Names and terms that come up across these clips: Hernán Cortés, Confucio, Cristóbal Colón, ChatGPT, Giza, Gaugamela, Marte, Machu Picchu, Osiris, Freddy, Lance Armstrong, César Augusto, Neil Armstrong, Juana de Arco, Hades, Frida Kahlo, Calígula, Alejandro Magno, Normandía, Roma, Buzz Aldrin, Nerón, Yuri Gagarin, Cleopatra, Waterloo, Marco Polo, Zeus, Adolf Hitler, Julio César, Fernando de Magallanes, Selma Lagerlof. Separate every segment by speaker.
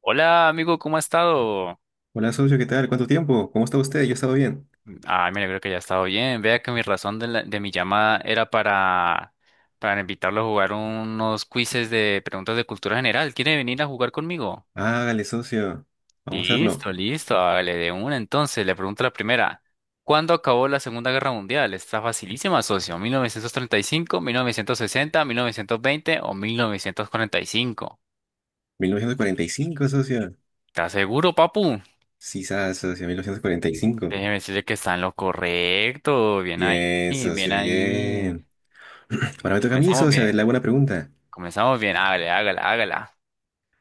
Speaker 1: Hola amigo, ¿cómo ha estado?
Speaker 2: Hola socio, ¿qué tal? ¿Cuánto tiempo? ¿Cómo está usted? Yo he estado bien.
Speaker 1: Ah, me alegro que haya estado bien. Vea que mi razón de mi llamada era para invitarlo a jugar unos quizzes de preguntas de cultura general. ¿Quiere venir a jugar conmigo?
Speaker 2: Hágale, socio. Vamos a hacerlo.
Speaker 1: Listo, listo, hágale de una. Entonces, le pregunto la primera. ¿Cuándo acabó la Segunda Guerra Mundial? Está facilísima, socio. ¿1935, 1960, 1920 o 1945?
Speaker 2: 1945, socio.
Speaker 1: ¿Estás seguro, papu?
Speaker 2: Sí, sabes, socio, 1945.
Speaker 1: Déjeme decirle que está en lo correcto. Bien ahí,
Speaker 2: Bien,
Speaker 1: bien
Speaker 2: socio,
Speaker 1: ahí.
Speaker 2: bien. Ahora me toca a mí,
Speaker 1: Comenzamos
Speaker 2: socio. A
Speaker 1: bien,
Speaker 2: ver, le hago una pregunta.
Speaker 1: comenzamos bien, hágale, hágale, hágala.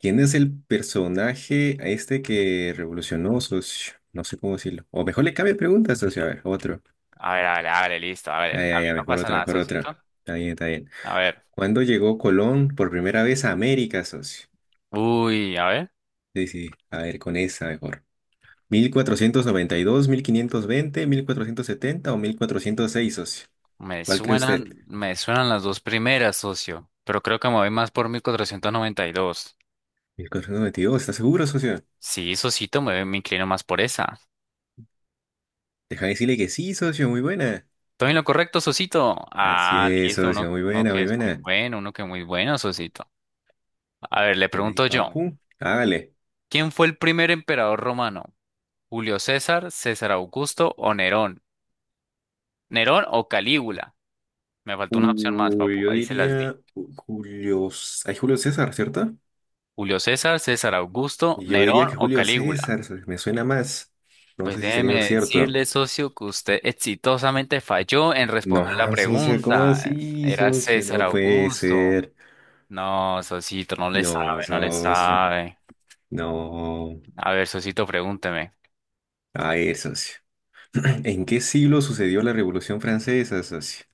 Speaker 2: ¿Quién es el personaje a este que revolucionó, socio? No sé cómo decirlo. O mejor le cambia pregunta, socio. A ver, otro.
Speaker 1: A ver, hágale, hágale, listo, hágale.
Speaker 2: Ay,
Speaker 1: A
Speaker 2: ay,
Speaker 1: mí
Speaker 2: ay,
Speaker 1: no
Speaker 2: mejor
Speaker 1: pasa
Speaker 2: otra,
Speaker 1: nada,
Speaker 2: mejor otra.
Speaker 1: socito.
Speaker 2: Está bien, está bien.
Speaker 1: A ver,
Speaker 2: ¿Cuándo llegó Colón por primera vez a América, socio?
Speaker 1: uy, a ver,
Speaker 2: Sí, sí. A ver, con esa mejor. Mil cuatrocientos noventa y dos, mil quinientos veinte, mil cuatrocientos setenta o mil cuatrocientos seis, socio. ¿Cuál cree usted?
Speaker 1: me suenan las dos primeras, socio, pero creo que me voy más por 1492.
Speaker 2: Mil cuatrocientos noventa y dos, ¿está seguro, socio?
Speaker 1: Sí, socito, me inclino más por esa.
Speaker 2: Deja de decirle que sí, socio, muy buena.
Speaker 1: ¿Estoy en lo correcto, socito?
Speaker 2: Así
Speaker 1: Ah,
Speaker 2: es,
Speaker 1: listo, uno,
Speaker 2: socio, muy
Speaker 1: uno
Speaker 2: buena,
Speaker 1: que
Speaker 2: muy
Speaker 1: es muy
Speaker 2: buena.
Speaker 1: bueno, uno que es muy bueno, socito. A ver, le
Speaker 2: Ven ahí,
Speaker 1: pregunto yo,
Speaker 2: papu. Hágale.
Speaker 1: ¿quién fue el primer emperador romano? ¿Julio César, César Augusto o Nerón? ¿Nerón o Calígula? Me faltó una opción más,
Speaker 2: Uy,
Speaker 1: papu.
Speaker 2: yo
Speaker 1: Ahí se las di.
Speaker 2: diría Julio. C- Hay Julio César, ¿cierto?
Speaker 1: Julio César, César Augusto,
Speaker 2: Yo diría
Speaker 1: Nerón
Speaker 2: que
Speaker 1: o
Speaker 2: Julio
Speaker 1: Calígula.
Speaker 2: César, socio, me suena más. No
Speaker 1: Pues
Speaker 2: sé si sería lo
Speaker 1: déjeme
Speaker 2: cierto.
Speaker 1: decirle, socio, que usted exitosamente falló en
Speaker 2: No,
Speaker 1: responder la
Speaker 2: socio, ¿cómo
Speaker 1: pregunta.
Speaker 2: así,
Speaker 1: Era
Speaker 2: socio?
Speaker 1: César
Speaker 2: No puede
Speaker 1: Augusto.
Speaker 2: ser.
Speaker 1: No, socito, no le
Speaker 2: No,
Speaker 1: sabe, no le
Speaker 2: socio.
Speaker 1: sabe.
Speaker 2: No.
Speaker 1: A ver, socito, pregúnteme.
Speaker 2: Ay, socio. ¿En qué siglo sucedió la Revolución Francesa, socio?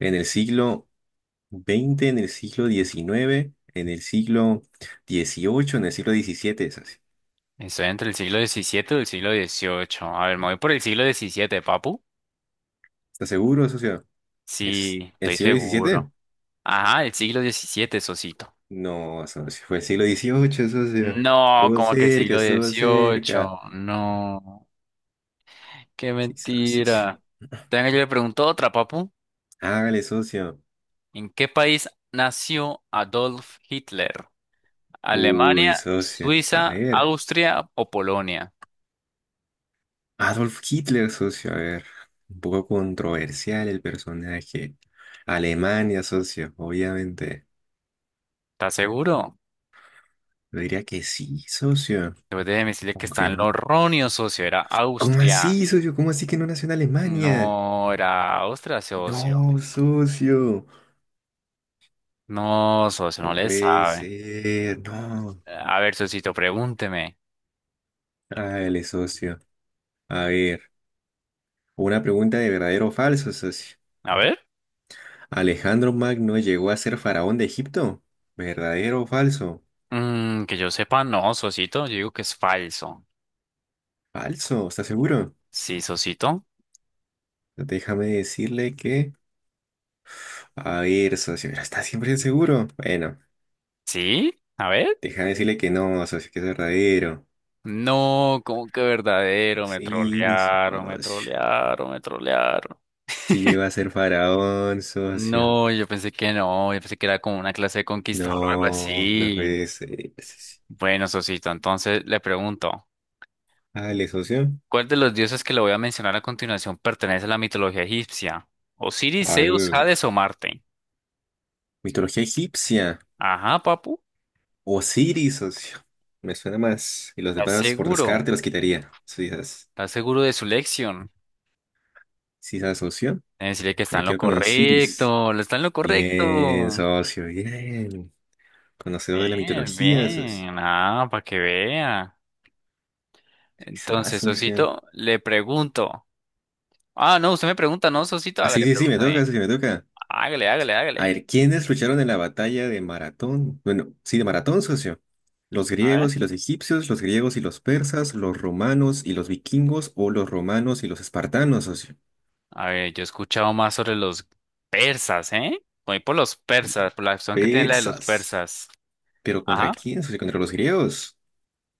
Speaker 2: ¿En el siglo veinte? ¿En el siglo diecinueve? ¿En el siglo dieciocho? ¿En el siglo diecisiete, socio?
Speaker 1: Estoy entre el siglo XVII y el siglo XVIII. A ver, me voy por el siglo XVII, papu.
Speaker 2: ¿Estás seguro, socio? ¿Es
Speaker 1: Sí,
Speaker 2: el
Speaker 1: estoy
Speaker 2: siglo diecisiete?
Speaker 1: seguro. Ajá, el siglo XVII, socito.
Speaker 2: No, socio, fue el siglo dieciocho, socio.
Speaker 1: No,
Speaker 2: Estuvo
Speaker 1: como que
Speaker 2: cerca,
Speaker 1: siglo
Speaker 2: estuvo cerca.
Speaker 1: XVIII, no, qué
Speaker 2: Sí, socio.
Speaker 1: mentira. Tenga, yo le pregunto otra, papu.
Speaker 2: Hágale, socio.
Speaker 1: ¿En qué país nació Adolf Hitler? ¿Alemania,
Speaker 2: Uy, socio. A
Speaker 1: Suiza,
Speaker 2: ver.
Speaker 1: Austria o Polonia?
Speaker 2: Adolf Hitler, socio, a ver, un poco controversial el personaje. Alemania, socio, obviamente.
Speaker 1: ¿Estás seguro?
Speaker 2: Yo diría que sí, socio.
Speaker 1: Después de decirle que está
Speaker 2: Aunque
Speaker 1: en
Speaker 2: no.
Speaker 1: lo erróneo, socio. Era
Speaker 2: ¿Cómo
Speaker 1: Austria.
Speaker 2: así, socio? ¿Cómo así que no nació en Alemania?
Speaker 1: No, era Austria, socio.
Speaker 2: No, socio.
Speaker 1: No, socio,
Speaker 2: No
Speaker 1: no le
Speaker 2: puede
Speaker 1: sabe.
Speaker 2: ser, no.
Speaker 1: A ver, socito, pregúnteme.
Speaker 2: Dale, socio. A ver, una pregunta de verdadero o falso, socio.
Speaker 1: A ver.
Speaker 2: ¿Alejandro Magno llegó a ser faraón de Egipto? ¿Verdadero o falso?
Speaker 1: Mm, que yo sepa, no, socito, yo digo que es falso.
Speaker 2: Falso, ¿estás seguro?
Speaker 1: Sí, Sosito.
Speaker 2: Déjame decirle que a ver, socio, pero está siempre seguro. Bueno,
Speaker 1: Sí, a ver.
Speaker 2: déjame decirle que no, socio, que es verdadero.
Speaker 1: No, como que verdadero, me
Speaker 2: Sí,
Speaker 1: trolearon, me
Speaker 2: socio.
Speaker 1: trolearon, me trolearon.
Speaker 2: Si llegó a ser faraón, socio.
Speaker 1: No, yo pensé que no, yo pensé que era como una clase de conquistador o algo
Speaker 2: No, no
Speaker 1: así.
Speaker 2: puede ser, socio.
Speaker 1: Bueno, Sosito, entonces le pregunto,
Speaker 2: Dale, socio.
Speaker 1: ¿cuál de los dioses que le voy a mencionar a continuación pertenece a la mitología egipcia? ¿Osiris,
Speaker 2: A
Speaker 1: Zeus,
Speaker 2: ver,
Speaker 1: Hades o Marte?
Speaker 2: mitología egipcia.
Speaker 1: Ajá, papu,
Speaker 2: Osiris, socio. Me suena más. Y los
Speaker 1: ¿estás
Speaker 2: demás, por
Speaker 1: seguro?
Speaker 2: descarte, los quitaría.
Speaker 1: ¿Estás seguro de su lección?
Speaker 2: Sí, esas, socio.
Speaker 1: Debe decirle que está
Speaker 2: Me
Speaker 1: en lo
Speaker 2: quedo con Osiris.
Speaker 1: correcto, lo está en lo
Speaker 2: Bien,
Speaker 1: correcto.
Speaker 2: socio, bien. Conocedor de la
Speaker 1: Bien,
Speaker 2: mitología, socio.
Speaker 1: bien, ah, para que vea.
Speaker 2: Quizás,
Speaker 1: Entonces,
Speaker 2: socio.
Speaker 1: Sosito, le pregunto. Ah, no, usted me pregunta, no, Sosito,
Speaker 2: Ah, sí,
Speaker 1: hágale,
Speaker 2: sí, sí, me toca,
Speaker 1: pregúntame.
Speaker 2: socio, me toca.
Speaker 1: Hágale, hágale,
Speaker 2: A
Speaker 1: hágale.
Speaker 2: ver, ¿quiénes lucharon en la batalla de Maratón? Bueno, sí, de Maratón, socio. ¿Los
Speaker 1: A ver.
Speaker 2: griegos y los egipcios, los griegos y los persas, los romanos y los vikingos o los romanos y los espartanos, socio?
Speaker 1: A ver, yo he escuchado más sobre los persas, ¿eh? Voy por los persas, por la acción que tiene la de los
Speaker 2: Persas.
Speaker 1: persas.
Speaker 2: ¿Pero contra
Speaker 1: Ajá.
Speaker 2: quién, socio? ¿Contra los griegos?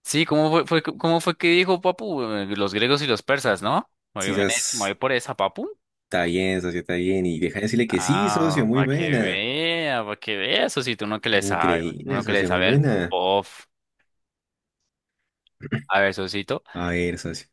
Speaker 1: Sí, ¿cómo fue, cómo fue que dijo Papu? Los griegos y los persas, ¿no? Muy
Speaker 2: Sí,
Speaker 1: bien, me voy
Speaker 2: esas-
Speaker 1: por esa, Papu.
Speaker 2: Está bien, socio, está bien. Y deja de decirle que sí, socio,
Speaker 1: Ah,
Speaker 2: muy buena.
Speaker 1: para que vea, Sosito, uno que le sabe,
Speaker 2: Increíble,
Speaker 1: uno que le
Speaker 2: socio, muy
Speaker 1: sabe al
Speaker 2: buena.
Speaker 1: pof. A ver, Sosito,
Speaker 2: A ver, socio.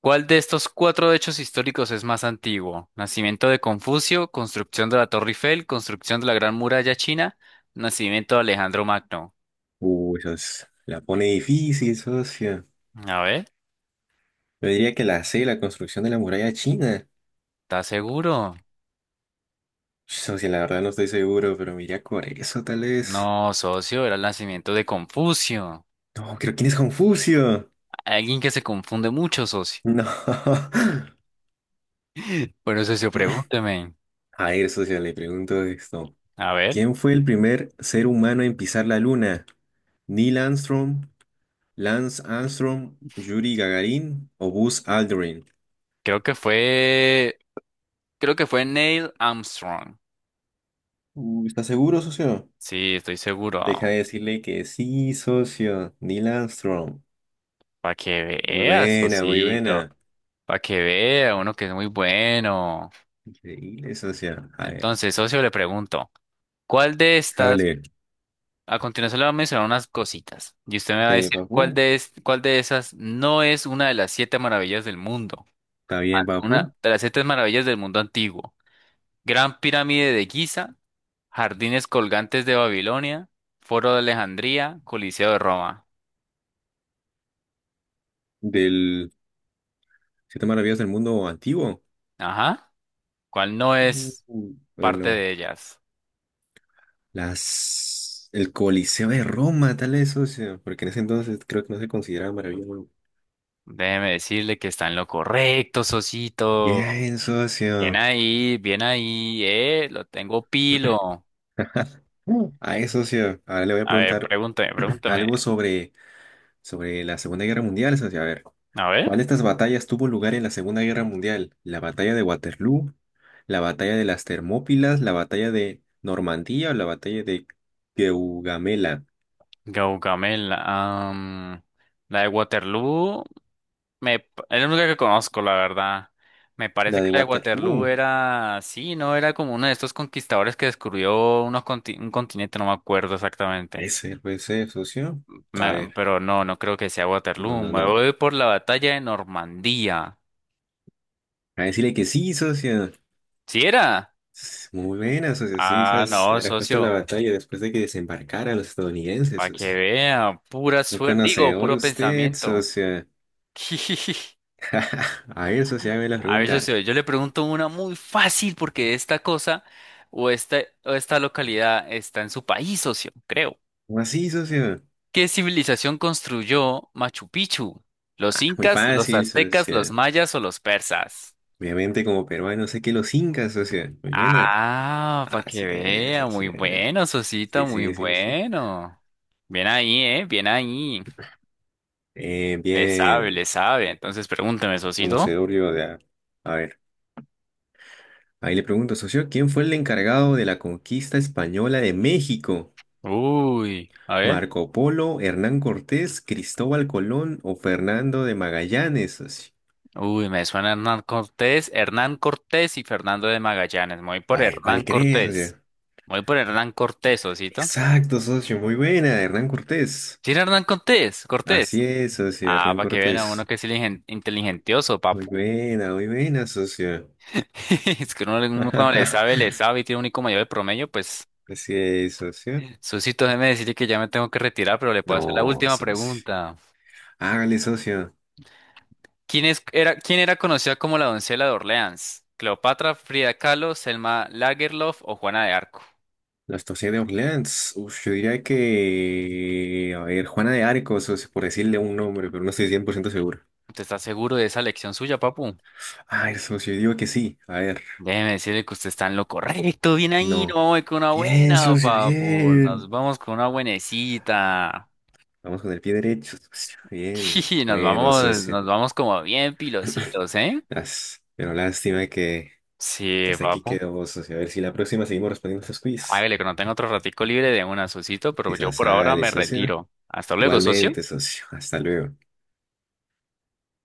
Speaker 1: ¿cuál de estos cuatro hechos históricos es más antiguo? Nacimiento de Confucio, construcción de la Torre Eiffel, construcción de la Gran Muralla China, nacimiento de Alejandro Magno.
Speaker 2: Uy, socio, la pone difícil, socio.
Speaker 1: A ver,
Speaker 2: Yo diría que la C, la construcción de la muralla china.
Speaker 1: ¿estás seguro?
Speaker 2: Socio, la verdad no estoy seguro, pero me iría por eso tal vez.
Speaker 1: No, socio, era el nacimiento de Confucio.
Speaker 2: No, creo quién es Confucio.
Speaker 1: Alguien que se confunde mucho, socio.
Speaker 2: No.
Speaker 1: Bueno, socio, pregúnteme.
Speaker 2: A ver, socio, le pregunto esto.
Speaker 1: A ver,
Speaker 2: ¿Quién fue el primer ser humano en pisar la luna? ¿Neil Armstrong, Lance Armstrong, Yuri Gagarin o Buzz Aldrin?
Speaker 1: creo que fue, creo que fue Neil Armstrong.
Speaker 2: ¿Estás seguro, socio?
Speaker 1: Sí, estoy seguro.
Speaker 2: Deja de decirle que sí, socio. Neil Armstrong.
Speaker 1: Para que
Speaker 2: Muy
Speaker 1: veas,
Speaker 2: buena, muy
Speaker 1: Sosito.
Speaker 2: buena.
Speaker 1: Para que vea uno que es muy bueno.
Speaker 2: Increíble, socio. A ver,
Speaker 1: Entonces, socio, le pregunto, ¿cuál de estas,
Speaker 2: hágale.
Speaker 1: a continuación le voy a mencionar unas cositas, y usted me va a
Speaker 2: ¿Está bien,
Speaker 1: decir
Speaker 2: papu?
Speaker 1: cuál de esas no es una de las siete maravillas del mundo?
Speaker 2: ¿Está bien,
Speaker 1: Una
Speaker 2: papu?
Speaker 1: de las siete maravillas del mundo antiguo. Gran pirámide de Giza, jardines colgantes de Babilonia, Foro de Alejandría, Coliseo de Roma.
Speaker 2: Del... Siete maravillas del mundo antiguo.
Speaker 1: Ajá, ¿cuál no es parte
Speaker 2: Bueno,
Speaker 1: de ellas?
Speaker 2: las... El Coliseo de Roma, tal vez, socio. Porque en ese entonces creo que no se consideraba maravilloso.
Speaker 1: Déjeme decirle que está en lo correcto, socito.
Speaker 2: Bien, socio.
Speaker 1: Bien ahí, lo tengo pilo.
Speaker 2: A eso, socio. Ahora le voy a
Speaker 1: A ver,
Speaker 2: preguntar
Speaker 1: pregúntame, pregúntame.
Speaker 2: algo sobre la Segunda Guerra Mundial, socio. A ver,
Speaker 1: A ver,
Speaker 2: ¿cuál de estas batallas tuvo lugar en la Segunda Guerra Mundial? ¿La batalla de Waterloo? ¿La batalla de las Termópilas? ¿La batalla de Normandía o la batalla de Gaugamela?
Speaker 1: Gaugamela, am, la de Waterloo, es la única que conozco, la verdad. Me parece
Speaker 2: La
Speaker 1: que
Speaker 2: de
Speaker 1: la de Waterloo
Speaker 2: Waterloo.
Speaker 1: era, sí, no, era como uno de estos conquistadores que descubrió un continente, no me acuerdo exactamente.
Speaker 2: Puede ser, socio. A ver,
Speaker 1: Pero no, no creo que sea
Speaker 2: no,
Speaker 1: Waterloo.
Speaker 2: no,
Speaker 1: Me
Speaker 2: no.
Speaker 1: voy por la batalla de Normandía.
Speaker 2: A decirle que sí, socio.
Speaker 1: ¿Sí era?
Speaker 2: S- Muy buena, socio. Sí,
Speaker 1: Ah,
Speaker 2: esas
Speaker 1: no,
Speaker 2: era justo la
Speaker 1: socio.
Speaker 2: batalla después de que desembarcaran los estadounidenses,
Speaker 1: Para
Speaker 2: socio.
Speaker 1: que vean, pura
Speaker 2: Un
Speaker 1: suerte, digo,
Speaker 2: conocedor
Speaker 1: puro
Speaker 2: usted,
Speaker 1: pensamiento.
Speaker 2: socio. A ver, socio, hágame la
Speaker 1: A ver,
Speaker 2: pregunta.
Speaker 1: socio, yo le pregunto una muy fácil porque esta cosa o esta, o esta localidad está en su país, socio, creo.
Speaker 2: ¿Cómo así, socio?
Speaker 1: ¿Qué civilización construyó Machu Picchu? ¿Los
Speaker 2: Ah, muy
Speaker 1: incas, los Machu
Speaker 2: fácil,
Speaker 1: Picchu. Aztecas, los
Speaker 2: socio.
Speaker 1: mayas o los persas?
Speaker 2: Obviamente, como peruano, sé que los incas, socio. Muy buena.
Speaker 1: Ah, para que
Speaker 2: Así es,
Speaker 1: vea,
Speaker 2: así
Speaker 1: muy
Speaker 2: es.
Speaker 1: bueno, socito,
Speaker 2: Sí,
Speaker 1: muy
Speaker 2: sí, sí, sí.
Speaker 1: bueno. Bien ahí, ¿eh? Bien ahí. Le Sí, sabe,
Speaker 2: Bien,
Speaker 1: le sabe. Entonces pregúnteme, socito.
Speaker 2: conocedor yo de... A ver. Ahí le pregunto, socio, ¿quién fue el encargado de la conquista española de México?
Speaker 1: Uy, a ver.
Speaker 2: ¿Marco Polo, Hernán Cortés, Cristóbal Colón o Fernando de Magallanes, socio?
Speaker 1: Uy, me suena Hernán Cortés, Hernán Cortés y Fernando de Magallanes. Me voy por
Speaker 2: Ay,
Speaker 1: Hernán
Speaker 2: ¿cuál crees,
Speaker 1: Cortés.
Speaker 2: socio?
Speaker 1: Me voy por Hernán Cortés, Osito.
Speaker 2: Exacto, socio, muy buena, Hernán Cortés.
Speaker 1: ¿Sí era Hernán Cortés?
Speaker 2: Así
Speaker 1: Cortés.
Speaker 2: es, socio,
Speaker 1: Ah,
Speaker 2: Hernán
Speaker 1: para que vean a uno
Speaker 2: Cortés.
Speaker 1: que es inteligentioso, papu.
Speaker 2: Muy buena, socio.
Speaker 1: Es que uno, uno cuando le sabe y tiene un IQ mayor de promedio, pues.
Speaker 2: Así es, socio.
Speaker 1: Susito, déjeme decirle que ya me tengo que retirar, pero le puedo hacer la
Speaker 2: No,
Speaker 1: última
Speaker 2: socio.
Speaker 1: pregunta.
Speaker 2: Hágale, socio.
Speaker 1: ¿Quién era conocida como la doncella de Orleans? ¿Cleopatra, Frida Kahlo, Selma Lagerlof o Juana de Arco?
Speaker 2: La estación de Orleans. Uf, yo diría que... A ver, Juana de Arco, socio, por decirle un nombre, pero no estoy 100% seguro.
Speaker 1: ¿Usted está seguro de esa elección suya, papu?
Speaker 2: Ay, socio, yo digo que sí. A ver,
Speaker 1: Déjeme decirle que usted está en lo correcto. Bien ahí, no
Speaker 2: no.
Speaker 1: vamos con una
Speaker 2: Bien,
Speaker 1: buena,
Speaker 2: socio,
Speaker 1: papu. Nos
Speaker 2: bien.
Speaker 1: vamos con una buenecita.
Speaker 2: Vamos con el pie derecho, socio. Bien.
Speaker 1: Sí,
Speaker 2: Bueno, socio.
Speaker 1: nos vamos como bien pilositos, ¿eh?
Speaker 2: As- Pero lástima que
Speaker 1: Sí,
Speaker 2: hasta aquí
Speaker 1: papu.
Speaker 2: quedó, socio. A ver si la próxima seguimos respondiendo estos quiz.
Speaker 1: Hágale, que no tengo otro ratico libre de una, socito, pero yo
Speaker 2: Quizás
Speaker 1: por ahora
Speaker 2: sale,
Speaker 1: me
Speaker 2: socio.
Speaker 1: retiro. Hasta luego, socio.
Speaker 2: Igualmente, socio. Hasta luego.